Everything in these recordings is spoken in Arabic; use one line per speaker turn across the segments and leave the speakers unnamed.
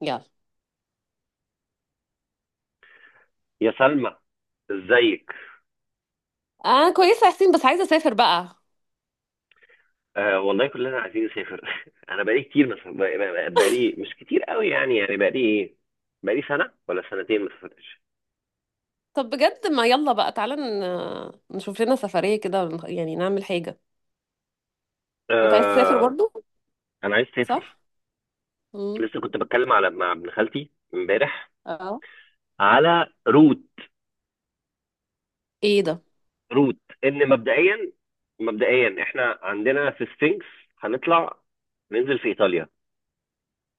يلا.
يا سلمى، ازيك؟
انا كويسه يا حسين، بس عايزه اسافر بقى.
آه والله كلنا عايزين نسافر. انا بقالي كتير، مثلا مش كتير قوي، يعني بقالي ايه، بقالي سنه ولا سنتين ما سافرتش.
طب بجد، ما يلا بقى تعالى نشوف لنا سفريه كده يعني نعمل حاجه. انت عايز تسافر
آه،
برضو؟
انا عايز اسافر.
صح. امم.
لسه كنت بتكلم مع ابن خالتي امبارح
اه.
على روت
ايه ده؟
روت ان مبدئيا، احنا عندنا في سفنكس، هنطلع، ننزل في ايطاليا،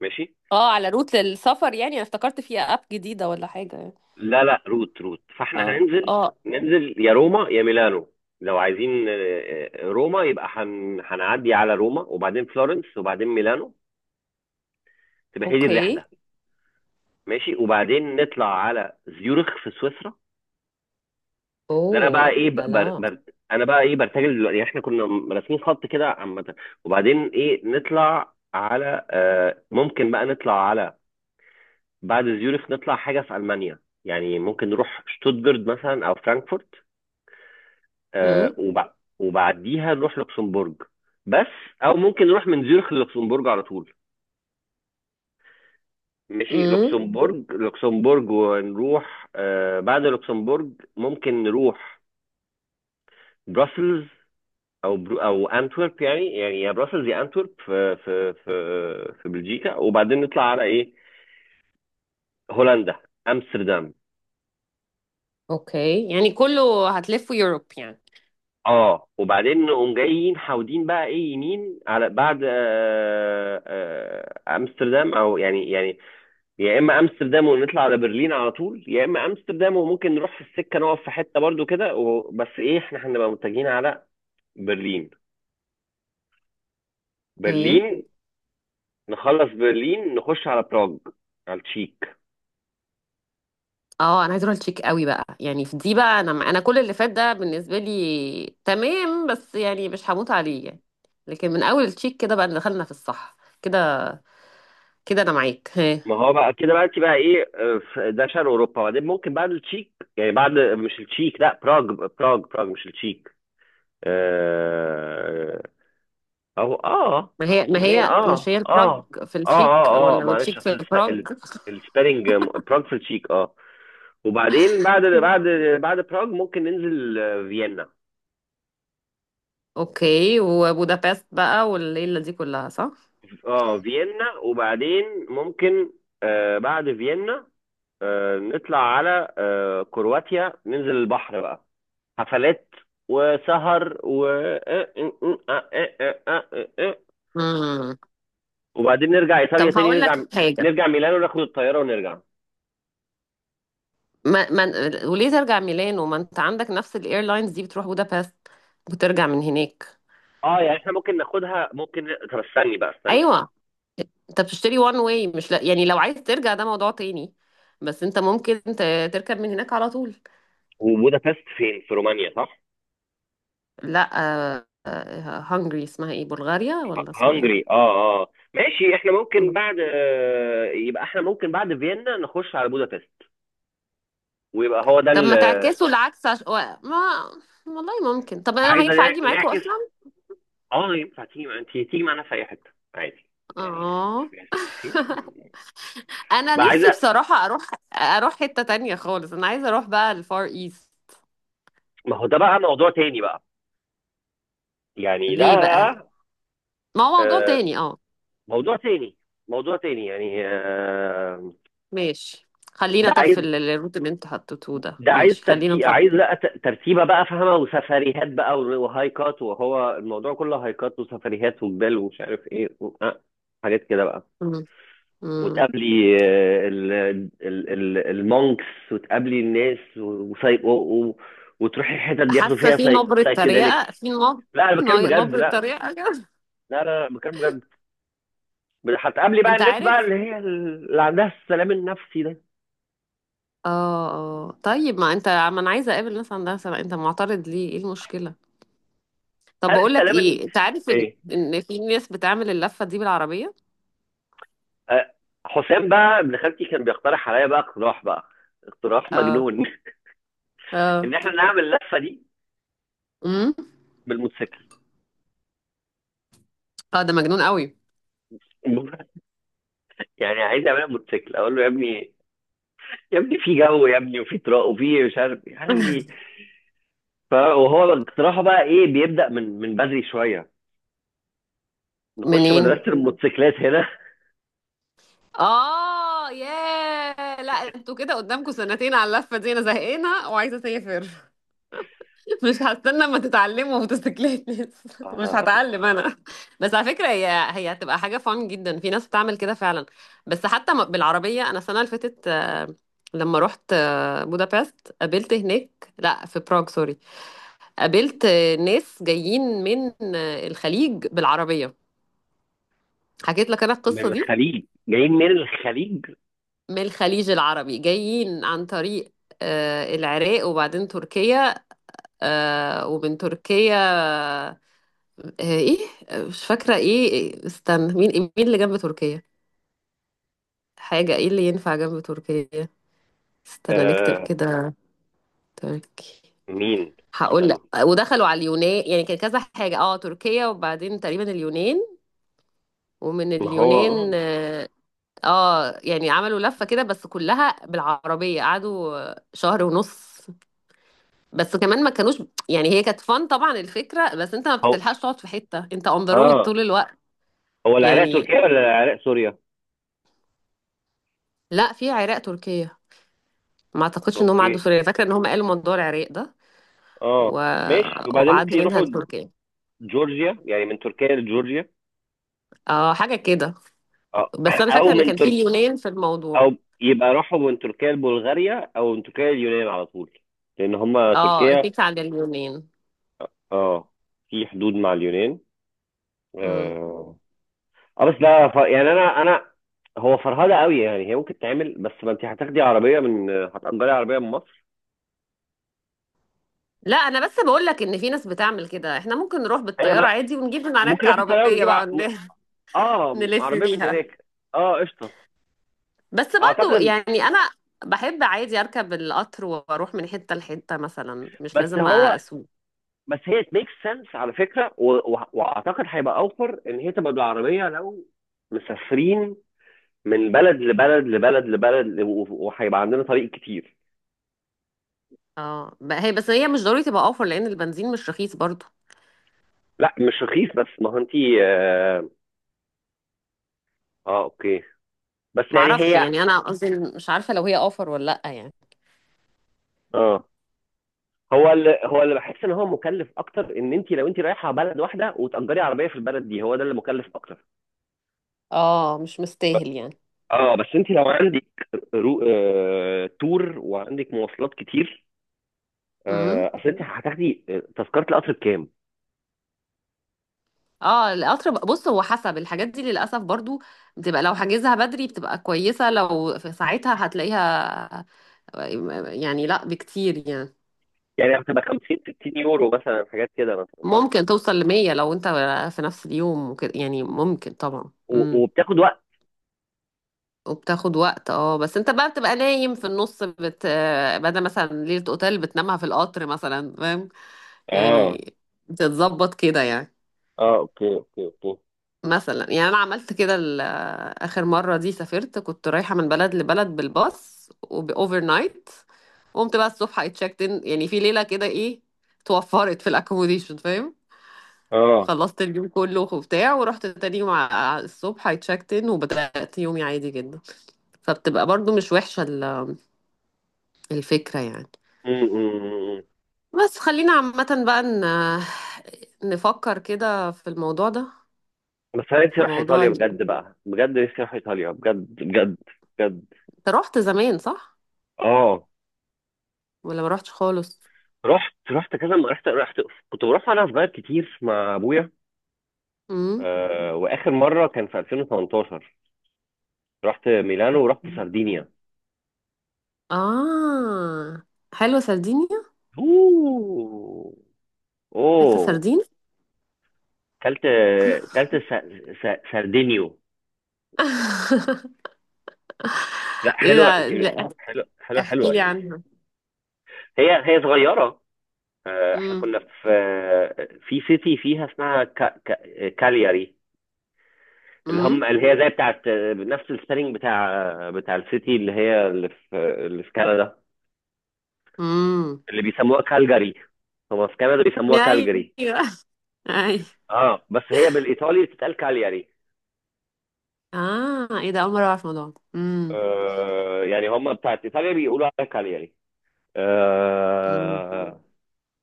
ماشي.
اه، على روت للسفر يعني انا افتكرت في اب جديده ولا حاجه يعني.
لا لا، روت، فاحنا
اه
هننزل
اه.
ننزل يا روما يا ميلانو. لو عايزين روما، يبقى هنعدي على روما وبعدين فلورنس وبعدين ميلانو، تبقى هي دي الرحله.
اوكي.
ماشي، وبعدين نطلع على زيورخ في سويسرا. ده انا بقى
اوه
ايه،
لا لا.
انا بقى ايه، برتجل دلوقتي. احنا كنا راسمين خط كده عامه، وبعدين ايه، نطلع على آه ممكن بقى نطلع على، بعد زيورخ، نطلع حاجه في المانيا. يعني ممكن نروح شتوتجارت مثلا او فرانكفورت. آه،
امم.
وبع- وبعديها نروح لوكسمبورج، بس. او ممكن نروح من زيورخ للوكسمبورج على طول. ماشي،
امم.
لوكسمبورج، ونروح، بعد لوكسمبورج ممكن نروح بروسلز او انتورب، يعني يا بروسلز يا انتورب، في في بلجيكا. وبعدين نطلع على ايه، هولندا، امستردام.
اوكي، يعني كله هتلفوا يوروب يعني.
اه، وبعدين نقوم جايين حاودين بقى ايه، يمين على بعد، آه، امستردام، او يعني، يا اما امستردام ونطلع على برلين على طول، يا اما امستردام وممكن نروح في السكه، نقف في حته برضو كده بس ايه، احنا هنبقى متجهين على برلين.
اوكي.
برلين نخلص برلين، نخش على براغ، على التشيك.
اه، انا عايزه اروح التشيك قوي بقى يعني في دي بقى، انا كل اللي فات ده بالنسبه لي تمام بس يعني مش هموت عليه يعني. لكن من اول التشيك كده بقى دخلنا في الصح كده. كده انا معاك ها.
ما هو بقى كده، بقى انت بقى ايه، ده شرق اوروبا، بعدين ممكن بعد التشيك، يعني بعد مش التشيك، لا، براغ، براغ مش التشيك. آه، او اه
ما هي ما
ما هي،
هي مش
اه
هي البراج
اه،
في التشيك
اه
ولا
معلش،
التشيك في
اصل
البراج؟
السبيلنج، آه، براغ في التشيك، اه. وبعدين، بعد براغ ممكن ننزل، فيينا.
اوكي. وبودابست بقى والليله دي كلها صح.
اه، فيينا، وبعدين ممكن، بعد فيينا، نطلع على كرواتيا، ننزل البحر بقى، حفلات وسهر و آه، آه، آه، آه، آه، آه، آه.
امم.
وبعدين نرجع ايطاليا
طب
تاني،
هقول لك حاجه.
نرجع ميلانو، ناخد الطياره ونرجع.
ما. وليه ترجع ميلانو؟ ما انت عندك نفس الايرلاينز دي بتروح بودابست وترجع من هناك.
اه، يعني احنا ممكن ناخدها، ممكن، طب استني.
ايوه. انت بتشتري وان واي، مش لا يعني، لو عايز ترجع ده موضوع تاني. بس انت ممكن تركب من هناك على طول.
وبودابست فين، في رومانيا، صح؟
لا. هنجري اسمها ايه؟ بلغاريا ولا اسمها ايه؟
هنجري، اه اه، ماشي. احنا ممكن
مم.
بعد، يبقى احنا ممكن بعد فيينا نخش على بودابست، ويبقى هو ده
طب
اللي،
ما تعكسوا العكس ما. والله ممكن، طب انا
عايزه،
هينفع اجي معاكوا
نعكس.
اصلا؟
اه ينفع تيجي، انت تيجي معانا في اي حته، عادي، يعني
اه.
شوفي عايزه تيجي فين.
انا
بقى
نفسي
عايزه،
بصراحة اروح حتة تانية خالص، انا عايزة اروح بقى الفار ايست.
ما هو ده بقى موضوع تاني بقى، يعني ده
ليه بقى؟
بقى،
ما هو موضوع
آه،
تاني اه.
موضوع تاني. يعني،
ماشي، خلينا،
ده
طب
عايز
في الروت اللي انتوا حطيتوه ده،
ده عايز
ماشي خلينا
ترتيب، عايز،
نحط.
لا، ترتيبه بقى، فاهمه؟ وسفريهات بقى، وهايكات، وهو الموضوع كله هايكات وسفريهات وجبال ومش عارف ايه و... آه. حاجات كده بقى.
مم. مم.
وتقابلي المونكس، وتقابلي الناس، وتروحي الحتت بياخدوا
حاسه
فيها،
في نبره
سايكيديليكس.
تريقه، في
لا انا بتكلم بجد،
نبره
لا.
تريقه كده.
لا لا، لا، بتكلم بجد. هتقابلي بقى
انت
الناس
عارف؟
بقى، اللي هي اللي عندها السلام النفسي ده.
اه. اه طيب، ما انت، ما انا عايزه اقابل ناس عندها سبع، انت معترض ليه؟ ايه المشكله؟ طب
هل
بقول لك
السلام
ايه، انت عارف ان
ايه،
ان في ناس بتعمل اللفه دي بالعربيه؟
آه، حسام بقى ابن خالتي كان بيقترح عليا بقى اقتراح بقى، اقتراح
اه.
مجنون.
اه.
ان احنا نعمل اللفه دي
امم.
بالموتوسيكل.
اه ده مجنون قوي.
يعني عايز اعملها بموتوسيكل. اقول له يا ابني، يا ابني، في جو يا ابني، وفي طرق، وفي مش عارف إيه. قال لي وهو اقتراحه بقى ايه، بيبدا من بدري شويه، نخش
منين؟
مدرسه الموتوسيكلات هنا.
اه ياه، لا انتوا كده قدامكم سنتين على اللفه دي، انا زهقانه وعايزه اسافر. مش هستنى اما تتعلموا موتوسيكلات لسه. مش
آه،
هتعلم انا. بس على فكره، هي هتبقى حاجه فان جدا، في ناس بتعمل كده فعلا. بس حتى بالعربيه، انا السنه اللي فاتت لما رحت بودابست، قابلت هناك، لا في براغ سوري، قابلت ناس جايين من الخليج بالعربيه. حكيت لك انا
من
القصه دي.
الخليج، جايين من الخليج.
من الخليج العربي، جايين عن طريق العراق وبعدين تركيا، ومن تركيا آه، ايه آه، مش فاكرة ايه استنى، مين؟ مين اللي جنب تركيا؟ حاجة ايه اللي ينفع جنب تركيا؟ استنى نكتب
آه،
كده. تركي.
مين؟
هقول لك.
استنى.
ودخلوا على اليونان، يعني كان كذا حاجة، اه تركيا وبعدين تقريبا اليونان، ومن
ما هو
اليونان
اه،
اه، يعني عملوا لفة كده بس كلها بالعربية، قعدوا شهر ونص. بس كمان ما كانوش، يعني هي كانت فن طبعا الفكرة، بس انت ما
هو
بتلحقش تقعد في حتة، انت اون ذا رود
اه،
طول الوقت
هو العراق
يعني.
تركيا ولا العراق سوريا؟
لا، في عراق تركيا، ما اعتقدش ان هم
اوكي.
عدوا سوريا، فاكره ان هم قالوا موضوع العراق ده و...
اه ماشي، وبعدين ممكن
وعدوا منها
يروحوا
لتركيا.
جورجيا، يعني من تركيا لجورجيا.
اه حاجه كده.
اه.
بس انا
او
فاكره ان
من
كان في
ترك
اليونان في
او
الموضوع.
يبقى راحوا من تركيا لبلغاريا، او من تركيا لليونان على طول، لان هم
اه،
تركيا،
اتفقت على اليونان.
اه، في حدود مع اليونان،
امم.
اه. آه، بس لا، يعني انا هو فرهده قوي، يعني هي ممكن تعمل، بس ما انت هتاخدي عربيه من، هتأجري عربيه من مصر.
لا انا بس بقول لك ان في ناس بتعمل كده، احنا ممكن نروح
هي
بالطياره
بلا،
عادي ونجيب من هناك
ممكن ناخد طياره
عربيه
ونجيب،
بقى
اه
نلف
عربيه من
بيها.
هناك. اه، قشطه.
بس برضو
اعتقد،
يعني انا بحب عادي اركب القطر واروح من حته لحته مثلا، مش
بس
لازم
هو،
اسوق.
بس هي it makes sense على فكرة، واعتقد هيبقى اوفر ان هي تبقى بالعربية، لو مسافرين من بلد لبلد لبلد لبلد، وهيبقى عندنا طريق كتير.
اه هي، بس هي مش ضروري تبقى اوفر، لان البنزين مش رخيص برضو.
لا مش رخيص، بس ما هو انتي، اه، آه اوكي، بس يعني
معرفش
هي،
يعني، انا قصدي إن مش عارفه لو هي اوفر ولا لا يعني.
اه، هو اللي بحس ان هو مكلف اكتر، ان انت لو انت رايحه بلد واحده وتأجري عربيه في البلد دي، هو ده اللي مكلف اكتر.
اه مش
ب-
مستاهل يعني.
اه بس انت لو عندك، تور، وعندك مواصلات كتير.
امم.
آه، اصل انت هتاخدي، تذكره القطر بكام؟
اه القطر بقى- بص، هو حسب الحاجات دي للاسف برضو، بتبقى لو حاجزها بدري بتبقى كويسه، لو في ساعتها هتلاقيها يعني لا بكتير يعني.
يعني هتبقى 50 60 يورو مثلا، حاجات كده مثلا، صح؟
ممكن توصل لمية لو انت في نفس اليوم وكده يعني، ممكن طبعا. امم.
وبتاخد وقت.
وبتاخد وقت اه، بس انت بقى بتبقى نايم في النص بدل مثلا ليلة اوتيل بتنامها في القطر مثلا، فاهم
اه
يعني؟ بتتظبط كده يعني.
اه، اوكي اوكي.
مثلا يعني انا عملت كده اخر مره دي سافرت، كنت رايحه من بلد لبلد بالباص وباوفر نايت، قمت بقى الصبح اي تشيكت ان، يعني في ليله كده ايه توفرت في الاكوموديشن، فاهم؟
اه
خلصت اليوم كله وبتاع، ورحت تاني يوم الصبح اي تشيكت ان وبدات يومي عادي جدا. فبتبقى برضو مش وحشه الفكره يعني.
م.
بس خلينا عامه بقى نفكر كده في الموضوع ده.
بس انا نفسي
في
اروح
موضوع
ايطاليا بجد بقى، بجد نفسي اروح ايطاليا بجد بجد بجد.
انت رحت زمان صح؟
اه،
ولا ما رحتش خالص؟
رحت رحت كذا، رحت. كنت بروح وانا صغير كتير مع ابويا.
امم.
آه، واخر مره كان في 2018، رحت ميلانو ورحت سردينيا.
اه. حلوة سردينيا.
اوه،
اكلت
اوه،
سردين.
كلت، كلت سردينيو. لا،
ايه
حلوه، انت،
ده لا،
حلوه، حلوه
احكي
حلوه
لي
يعني.
عنها.
هي صغيره. آه، احنا
امم.
كنا في، في سيتي فيها اسمها، كا كا كالياري، اللي هم،
امم.
اللي هي زي بتاعت، نفس السبيلنج بتاع، بتاع السيتي اللي هي اللي في، اللي في كندا،
امم.
اللي بيسموها كالجاري. هم في كندا بيسموها
ايوه.
كالجاري.
ايوه.
اه، بس هي بالايطالي بتتقال كالياري.
اه ايه ده، اول مرة اعرف الموضوع ده. امم.
آه يعني هم بتاعت ايطاليا بيقولوا عليها كالياري،
امم.
آه.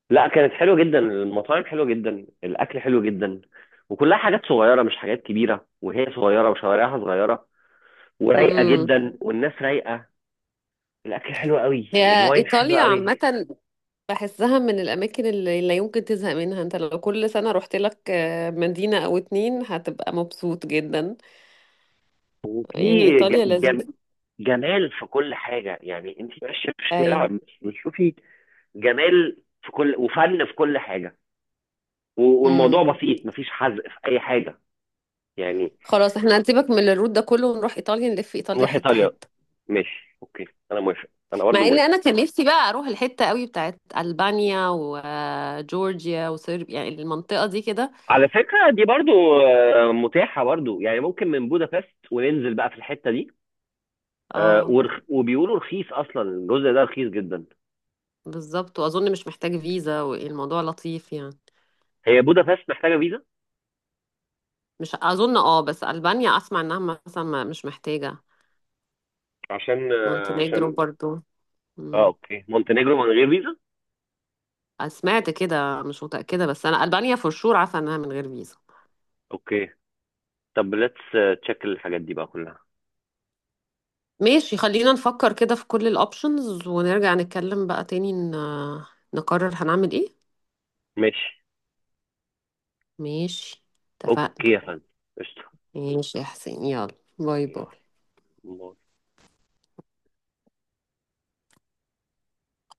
لا، كانت حلوه جدا، المطاعم حلوه جدا، الاكل حلو جدا، وكلها حاجات صغيره مش حاجات كبيره، وهي صغيره، وشوارعها صغيره ورايقه
أمم.
جدا، والناس رايقه. الاكل حلو قوي،
هي
الواين حلو
ايطاليا
قوي.
عامة بحسها من الاماكن اللي لا يمكن تزهق منها، انت لو كل سنة رحت لك مدينة او اتنين هتبقى مبسوط جدا. يعني
وفي، ج-
ايطاليا
جم...
لذيذة.
جمال في كل حاجه، يعني انت ماشيه في الشارع
ايوه.
بتشوفي جمال في كل، وفن في كل حاجه. والموضوع
امم.
بسيط، مفيش حزق في اي حاجه، يعني.
خلاص احنا هنسيبك من الروت ده كله ونروح ايطاليا، نلف ايطاليا
نروح
حته
ايطاليا،
حته.
ماشي، اوكي. انا موافق، انا برضه
مع ان
موافق.
انا كان نفسي بقى اروح الحته قوي بتاعت البانيا وجورجيا وصربيا، يعني المنطقه دي كده.
على فكرة، دي برضو، متاحة برضو، يعني ممكن من بودابست وننزل بقى في الحتة دي.
اه
وبيقولوا رخيص أصلا، الجزء ده رخيص جدا.
بالظبط، واظن مش محتاج فيزا والموضوع لطيف يعني.
هي بودابست محتاجة فيزا؟
مش اظن. اه بس البانيا اسمع انها مثلا مش محتاجه.
عشان
مونتينيجرو
عشان،
برضو.
اه
مم.
اوكي، مونتينيجرو من غير فيزا.
سمعت كده مش متاكده، بس انا البانيا فور شور عارفه انها من غير فيزا.
اوكي، طب ليتس تشيك الحاجات دي بقى كلها.
ماشي خلينا نفكر كده في كل الاوبشنز ونرجع نتكلم بقى تاني نقرر هنعمل ايه.
ماشي،
ماشي.
اوكي
اتفقنا.
يا فندم، قشطة.
ماشي يا حسين، يلا باي باي.
يلا.